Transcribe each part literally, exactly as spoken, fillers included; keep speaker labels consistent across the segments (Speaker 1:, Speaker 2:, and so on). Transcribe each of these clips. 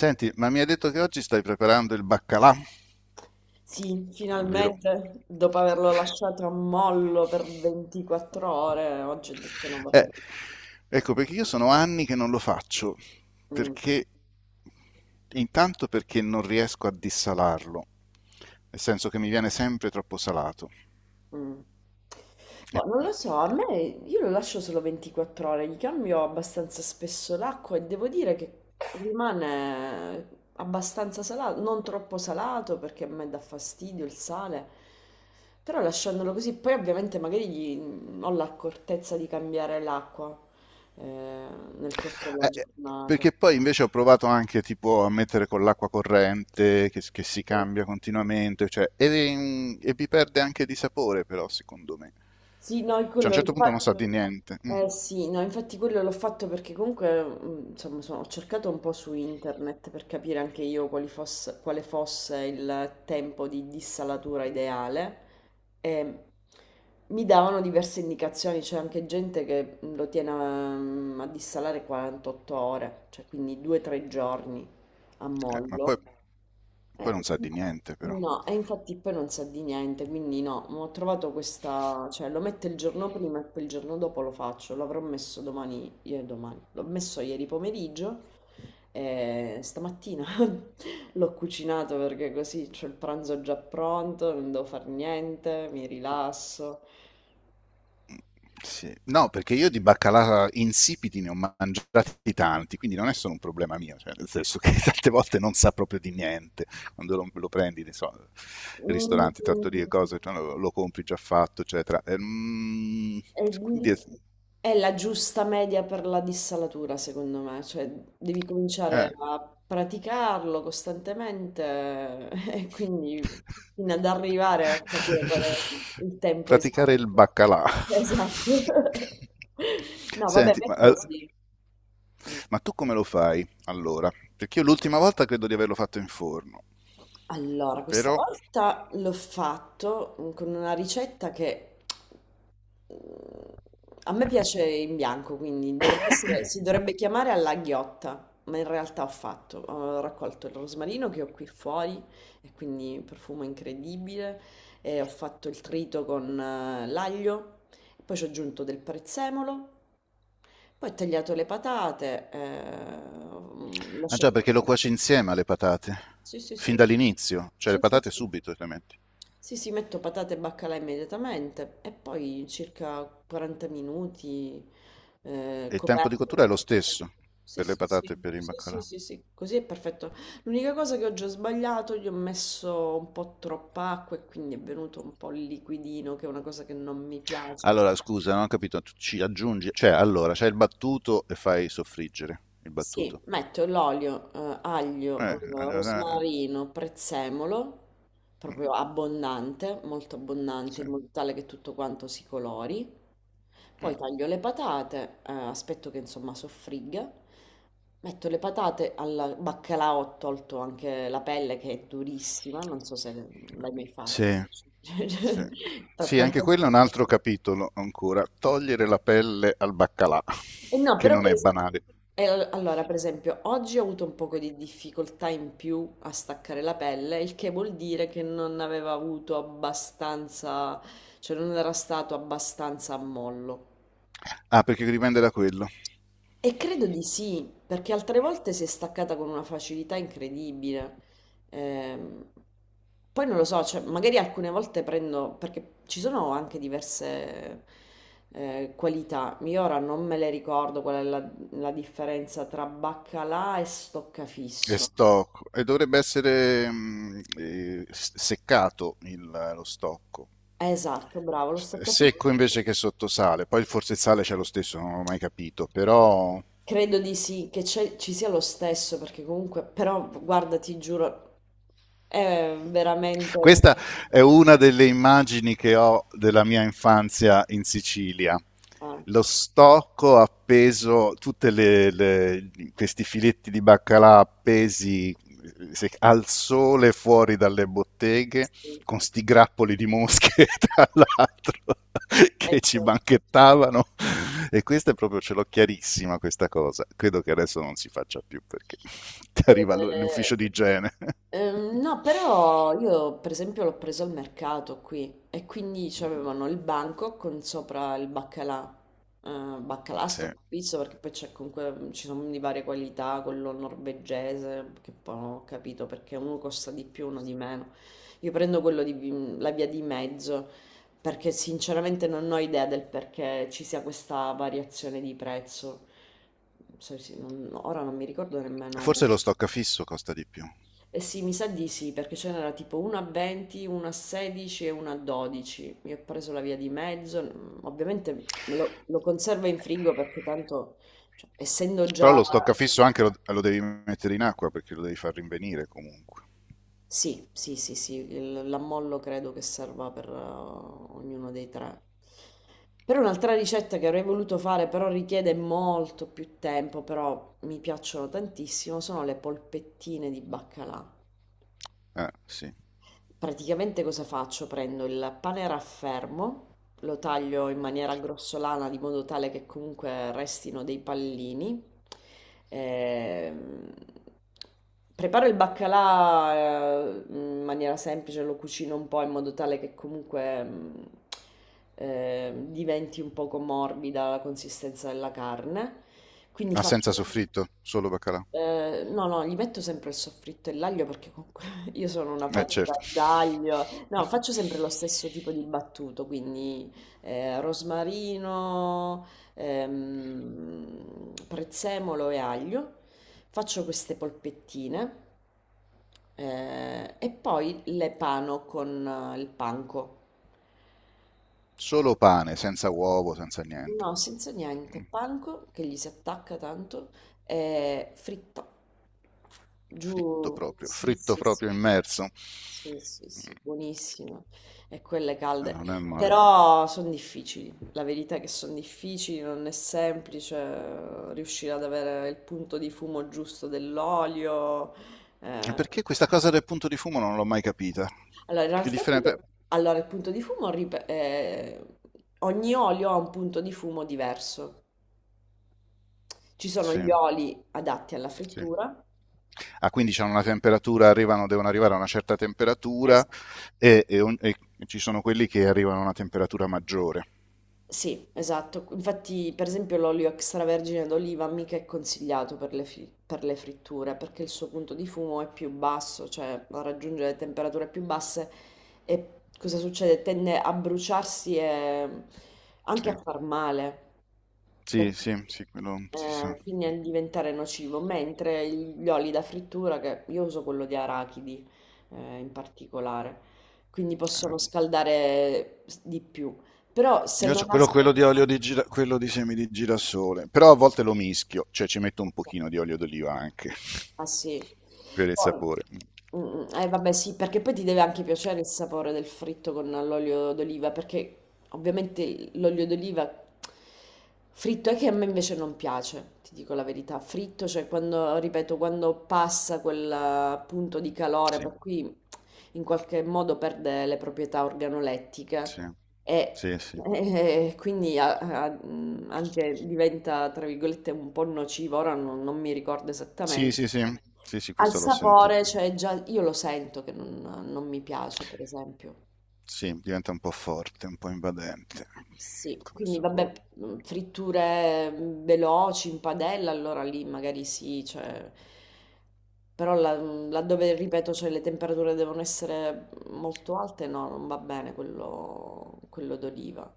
Speaker 1: Senti, ma mi hai detto che oggi stai preparando il baccalà,
Speaker 2: Sì,
Speaker 1: vero?
Speaker 2: finalmente, dopo averlo lasciato a mollo per ventiquattro ore, oggi ho detto no, vabbè.
Speaker 1: Eh, ecco, perché io sono anni che non lo faccio,
Speaker 2: Mm,
Speaker 1: perché intanto perché non riesco a dissalarlo, nel senso che mi viene sempre troppo salato.
Speaker 2: mm.
Speaker 1: E-
Speaker 2: Boh, non lo so, a me io lo lascio solo ventiquattro ore, gli cambio abbastanza spesso l'acqua e devo dire che rimane abbastanza salato, non troppo salato perché a me dà fastidio il sale, però lasciandolo così, poi ovviamente magari gli- mm, ho l'accortezza di cambiare l'acqua eh, nel corso della
Speaker 1: eh, eh,
Speaker 2: giornata.
Speaker 1: Perché poi invece ho provato anche tipo a mettere con l'acqua corrente che, che si
Speaker 2: Sì.
Speaker 1: cambia continuamente, cioè, e, e vi perde anche di sapore però secondo me.
Speaker 2: Sì, no, io
Speaker 1: Cioè a un
Speaker 2: quello
Speaker 1: certo
Speaker 2: l'ho
Speaker 1: punto non
Speaker 2: fa-
Speaker 1: sa di niente. Mm.
Speaker 2: eh, sì, no, infatti quello l'ho fatto perché comunque, mh, insomma, sono- ho cercato un po' su internet per capire anche io quali fosse- quale fosse il tempo di dissalatura ideale e mi davano diverse indicazioni, c'è anche gente che mm, lo tiene a, mm, a dissalare quarantotto ore, cioè quindi due tre giorni a
Speaker 1: Eh, ma
Speaker 2: mollo.
Speaker 1: poi, poi non
Speaker 2: Eh,
Speaker 1: sa di niente, però.
Speaker 2: no, no, e infatti poi non sa di niente, quindi no, ma ho trovato questa, cioè lo metto il giorno prima e poi il giorno dopo lo faccio, l'avrò messo domani, ieri domani, l'ho messo ieri pomeriggio e stamattina l'ho cucinato perché così c'ho il pranzo già pronto, non devo fare niente, mi rilasso.
Speaker 1: Sì. No, perché io di baccalà insipidi ne ho mangiati tanti, quindi non è solo un problema mio, cioè, nel senso che tante volte non sa proprio di niente. Quando lo, lo prendi, ne so,
Speaker 2: Mm,
Speaker 1: ristoranti,
Speaker 2: mm, mm.
Speaker 1: trattorie, cose, cioè, lo, lo, compri già fatto, eccetera. E, mm,
Speaker 2: È
Speaker 1: quindi,
Speaker 2: lì,
Speaker 1: è-
Speaker 2: è la giusta media per la dissalatura, secondo me, cioè devi cominciare
Speaker 1: eh.
Speaker 2: a praticarlo costantemente e quindi fino ad arrivare a capire qual è il tempo esatto.
Speaker 1: Praticare il baccalà.
Speaker 2: Esatto. No, vabbè,
Speaker 1: Senti,
Speaker 2: ma è
Speaker 1: ma, eh,
Speaker 2: così. Mm.
Speaker 1: ma tu come lo fai allora? Perché io l'ultima volta credo di averlo fatto in forno,
Speaker 2: Allora, questa
Speaker 1: però...
Speaker 2: volta l'ho fatto mm, con una ricetta che mm, a me piace in bianco, quindi dovrebbe essere- si dovrebbe chiamare alla ghiotta, ma in realtà ho fatto, ho raccolto il rosmarino che ho qui fuori e quindi profumo incredibile e ho fatto il trito con eh, l'aglio, poi ci ho aggiunto del prezzemolo, poi ho tagliato le patate, eh, ho
Speaker 1: Ah già,
Speaker 2: lasciato...
Speaker 1: perché lo cuoci insieme alle patate,
Speaker 2: Sì, sì,
Speaker 1: fin
Speaker 2: sì.
Speaker 1: dall'inizio, cioè le
Speaker 2: Sì, sì,
Speaker 1: patate
Speaker 2: sì.
Speaker 1: subito le metti.
Speaker 2: Sì, sì, metto patate e baccalà immediatamente e poi circa quaranta minuti eh,
Speaker 1: E il tempo di
Speaker 2: coperto.
Speaker 1: cottura è lo stesso
Speaker 2: Sì,
Speaker 1: per le
Speaker 2: sì,
Speaker 1: patate e
Speaker 2: sì,
Speaker 1: per il
Speaker 2: sì, sì,
Speaker 1: baccalà.
Speaker 2: sì, sì, così è perfetto. L'unica cosa che oggi ho sbagliato, gli ho messo un po' troppa acqua e quindi è venuto un po' il liquidino, che è una cosa che non mi piace.
Speaker 1: Allora, scusa, non ho capito, tu ci aggiungi... Cioè, allora, c'è il battuto e fai soffriggere il
Speaker 2: Sì,
Speaker 1: battuto.
Speaker 2: metto l'olio, eh, aglio,
Speaker 1: Eh,
Speaker 2: eh,
Speaker 1: eh, eh,
Speaker 2: rosmarino, prezzemolo,
Speaker 1: mm,
Speaker 2: proprio abbondante, molto abbondante,
Speaker 1: sì.
Speaker 2: in modo tale che tutto quanto si colori.
Speaker 1: Mm.
Speaker 2: Poi taglio le patate, eh, aspetto che insomma soffrigga, metto le patate al baccalà, ho tolto anche la pelle che è durissima, non so se l'hai mai fatto.
Speaker 1: Sì, sì.
Speaker 2: Ta-
Speaker 1: Sì, anche
Speaker 2: tante-
Speaker 1: quello è un altro capitolo ancora. Togliere la pelle al baccalà,
Speaker 2: E no,
Speaker 1: che
Speaker 2: però
Speaker 1: non
Speaker 2: per
Speaker 1: è
Speaker 2: esempio,
Speaker 1: banale.
Speaker 2: allora per esempio oggi ho avuto un poco di difficoltà in più a staccare la pelle, il che vuol dire che non aveva avuto abbastanza, cioè non era stato abbastanza a mollo.
Speaker 1: Ah, perché dipende da quello.
Speaker 2: E credo di sì, perché altre volte si è staccata con una facilità incredibile. Ehm, poi non lo so, cioè, magari alcune volte prendo, perché ci sono anche diverse eh, qualità. Io ora non me le ricordo qual è la, la differenza tra baccalà e
Speaker 1: È
Speaker 2: stoccafisso.
Speaker 1: stocco e dovrebbe essere mm, eh, s- seccato il- lo stocco.
Speaker 2: Esatto, bravo, lo
Speaker 1: È
Speaker 2: stoccafisso.
Speaker 1: secco invece che sottosale. Poi forse il sale c'è lo stesso, non l'ho mai capito, però
Speaker 2: Credo di sì, che c'è- ci sia lo stesso, perché comunque, però guarda, ti giuro, è veramente un...
Speaker 1: questa è una delle immagini che ho della mia infanzia in Sicilia.
Speaker 2: Ah.
Speaker 1: Lo stocco appeso, tutti questi filetti di baccalà appesi se- al sole fuori dalle botteghe,
Speaker 2: Sì,
Speaker 1: con sti grappoli di mosche tra l'altro
Speaker 2: eh,
Speaker 1: che ci
Speaker 2: certo.
Speaker 1: banchettavano. E questa è proprio, ce l'ho chiarissima questa cosa. Credo che adesso non si faccia più perché ti arriva l'u-
Speaker 2: Eh,
Speaker 1: l'ufficio di igiene.
Speaker 2: ehm, no, però io per esempio l'ho preso al mercato qui e quindi c'avevano il banco con sopra il baccalà. Eh, baccalà
Speaker 1: Sì.
Speaker 2: sto pizzo perché poi c'è comunque ci sono di varie qualità, quello norvegese, che poi non ho capito perché uno costa di più, uno di meno. Io prendo quello di vi- la via di mezzo perché sinceramente non ho idea del perché ci sia questa variazione di prezzo. So- sì, non- ora non mi ricordo nemmeno.
Speaker 1: Forse lo stoccafisso costa di più.
Speaker 2: Eh sì, mi sa di sì, perché ce n'era tipo una a venti, una a sedici e una a dodici. Io ho preso la via di mezzo, mm, ovviamente lo, lo conservo in frigo perché tanto, cioè, essendo
Speaker 1: Però
Speaker 2: già...
Speaker 1: lo stoccafisso anche lo, lo devi mettere in acqua perché lo devi far rinvenire comunque.
Speaker 2: Sì, sì, sì, sì, il- l'ammollo credo che serva per eh, ognuno dei tre. Per un'altra ricetta che avrei voluto fare, però richiede molto più tempo, però mi piacciono tantissimo, sono le polpettine di baccalà.
Speaker 1: Eh, sì.
Speaker 2: Praticamente cosa faccio? Prendo il pane raffermo, lo taglio in maniera grossolana di modo tale che comunque restino dei pallini. Ehm, preparo il baccalà eh, in maniera semplice, lo cucino un po' in modo tale che comunque mm, eh, diventi un poco morbida la consistenza della carne. Quindi
Speaker 1: Ma senza
Speaker 2: faccio...
Speaker 1: soffritto? Solo baccalà?
Speaker 2: Eh, no, no, gli metto sempre il soffritto e l'aglio perché comunque io sono una
Speaker 1: Eh, certo.
Speaker 2: patita d'aglio. No, faccio sempre lo stesso tipo di battuto, quindi eh, rosmarino, ehm, prezzemolo e aglio. Faccio queste polpettine eh, e poi le pano con eh, il panco.
Speaker 1: Solo pane, senza uovo, senza niente.
Speaker 2: No, senza niente.
Speaker 1: Mm.
Speaker 2: Panko che gli si attacca tanto è fritta. Giù.
Speaker 1: Fritto proprio,
Speaker 2: Sì,
Speaker 1: fritto
Speaker 2: sì, sì.
Speaker 1: proprio immerso. Eh,
Speaker 2: Sì, sì, sì, buonissima. E quelle calde.
Speaker 1: Non è male.
Speaker 2: Però sono difficili. La verità è che sono difficili, non è semplice eh, riuscire ad avere il punto di fumo giusto dell'olio. Eh.
Speaker 1: Perché questa cosa del punto di fumo non l'ho mai capita?
Speaker 2: Allora, in
Speaker 1: Che
Speaker 2: realtà,
Speaker 1: differenza...
Speaker 2: allora, il punto di fumo, rip- eh, ogni olio ha un punto di fumo diverso. Ci sono gli
Speaker 1: Sì,
Speaker 2: oli adatti alla
Speaker 1: sì,
Speaker 2: frittura.
Speaker 1: a quindici hanno una temperatura, arrivano, devono arrivare a una certa temperatura
Speaker 2: Esatto.
Speaker 1: e, e on- e ci sono quelli che arrivano a una temperatura maggiore.
Speaker 2: Sì, esatto. Infatti, per esempio, l'olio extravergine d'oliva mica è consigliato per le, fi- per le fritture perché il suo punto di fumo è più basso, cioè raggiunge le temperature più basse e cosa succede? Tende a bruciarsi e
Speaker 1: Sì,
Speaker 2: anche a far male.
Speaker 1: sì, sì, sì, quello si sa.
Speaker 2: Eh, quindi a diventare nocivo, mentre gli oli da frittura, che io uso quello di arachidi eh, in particolare, quindi possono
Speaker 1: Eh.
Speaker 2: scaldare s- di più. Però se
Speaker 1: Io ho
Speaker 2: non ha
Speaker 1: quello, quello di olio di gira- quello di semi di girasole, però a volte
Speaker 2: scaldato...
Speaker 1: lo mischio, cioè ci metto un pochino di olio d'oliva anche
Speaker 2: Ah sì.
Speaker 1: per il
Speaker 2: Poi-
Speaker 1: sapore.
Speaker 2: mm, eh vabbè sì, perché poi ti deve anche piacere il sapore del fritto con l'olio d'oliva, perché ovviamente l'olio d'oliva fritto è che a me invece non piace, ti dico la verità. Fritto, cioè quando, ripeto, quando passa quel eh, punto di calore,
Speaker 1: Sì,
Speaker 2: per cui in qualche modo perde le proprietà organolettiche
Speaker 1: sì,
Speaker 2: e,
Speaker 1: sì, sì.
Speaker 2: e quindi a- a- mh, anche diventa, tra virgolette, un po' nocivo, ora non, non mi ricordo
Speaker 1: Sì,
Speaker 2: esattamente.
Speaker 1: sì, sì, sì, sì,
Speaker 2: Al
Speaker 1: questo l'ho
Speaker 2: sapore,
Speaker 1: sentito.
Speaker 2: cioè già io lo sento che non non mi piace, per esempio.
Speaker 1: Sì, diventa un po' forte, un po' invadente
Speaker 2: Sì,
Speaker 1: come
Speaker 2: quindi vabbè,
Speaker 1: sapore.
Speaker 2: mhmm, fritture, mhmm, veloci in padella, allora lì magari sì, cioè però là mhmm, laddove ripeto, cioè le temperature devono essere molto alte, no, non va bene quello quello d'oliva.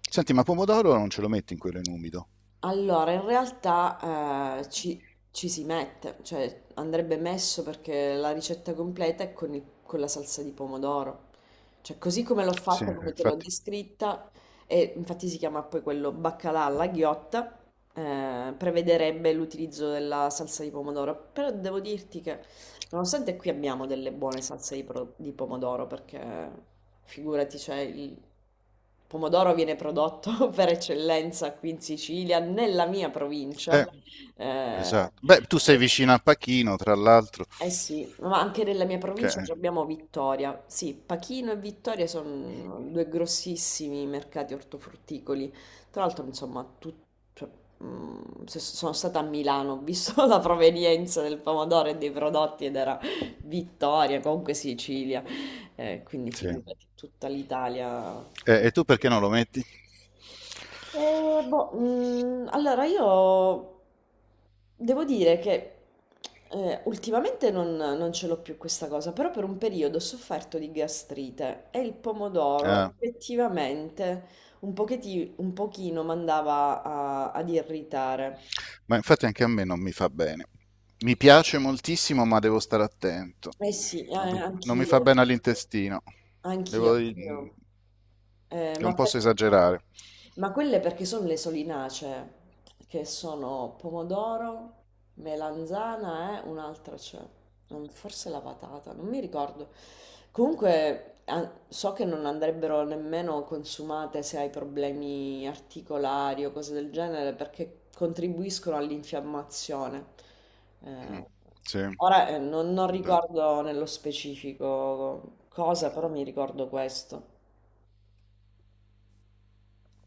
Speaker 1: Senti, ma pomodoro non ce lo metti in quello in umido?
Speaker 2: Allora, in realtà eh, ci, ci si mette, cioè andrebbe messo perché la ricetta completa è con, il- con la salsa di pomodoro. Cioè, così come l'ho
Speaker 1: Sì,
Speaker 2: fatta,
Speaker 1: eh,
Speaker 2: come te l'ho
Speaker 1: infatti.
Speaker 2: descritta, e infatti si chiama poi quello baccalà alla ghiotta, eh, prevederebbe l'utilizzo della salsa di pomodoro. Però devo dirti che nonostante qui abbiamo delle buone salse di, pro- di pomodoro, perché figurati, c'è il pomodoro viene prodotto per eccellenza qui in Sicilia, nella mia provincia.
Speaker 1: Eh,
Speaker 2: Eh,
Speaker 1: esatto. Beh, tu sei vicino a Pachino, tra l'altro.
Speaker 2: eh sì, ma anche nella mia
Speaker 1: che-
Speaker 2: provincia ci
Speaker 1: eh,
Speaker 2: abbiamo Vittoria. Sì, Pachino e Vittoria sono due grossissimi mercati ortofrutticoli. Tra l'altro, insomma, tut- cioè, mm, se- sono stata a Milano, ho visto la provenienza del pomodoro e dei prodotti ed era Vittoria, comunque Sicilia. Eh, quindi
Speaker 1: sì.
Speaker 2: figurati, tutta l'Italia eh,
Speaker 1: Eh, e tu perché non lo metti?
Speaker 2: boh, mm, allora io devo dire che eh, ultimamente non, non ce l'ho più questa cosa, però per un periodo ho sofferto di gastrite e il pomodoro
Speaker 1: Ah,
Speaker 2: effettivamente un pochetti- un pochino, mi andava a- ad irritare.
Speaker 1: ma infatti anche a me non mi fa bene. Mi piace moltissimo, ma devo stare attento.
Speaker 2: Eh sì, eh,
Speaker 1: Non mi, non mi fa
Speaker 2: anch'io,
Speaker 1: bene all'intestino.
Speaker 2: anch'io,
Speaker 1: Devo,
Speaker 2: anch'io. Eh,
Speaker 1: non
Speaker 2: ma,
Speaker 1: posso
Speaker 2: per-
Speaker 1: esagerare.
Speaker 2: ma quelle perché sono le solinacee, che sono pomodoro, melanzana è un'altra c'è, non- forse la patata, non mi ricordo. Comunque a- so che non andrebbero nemmeno consumate se hai problemi articolari o cose del genere perché contribuiscono all'infiammazione.
Speaker 1: Mm,
Speaker 2: Eh,
Speaker 1: sì,
Speaker 2: ora eh, non non ricordo nello specifico cosa, però mi ricordo questo.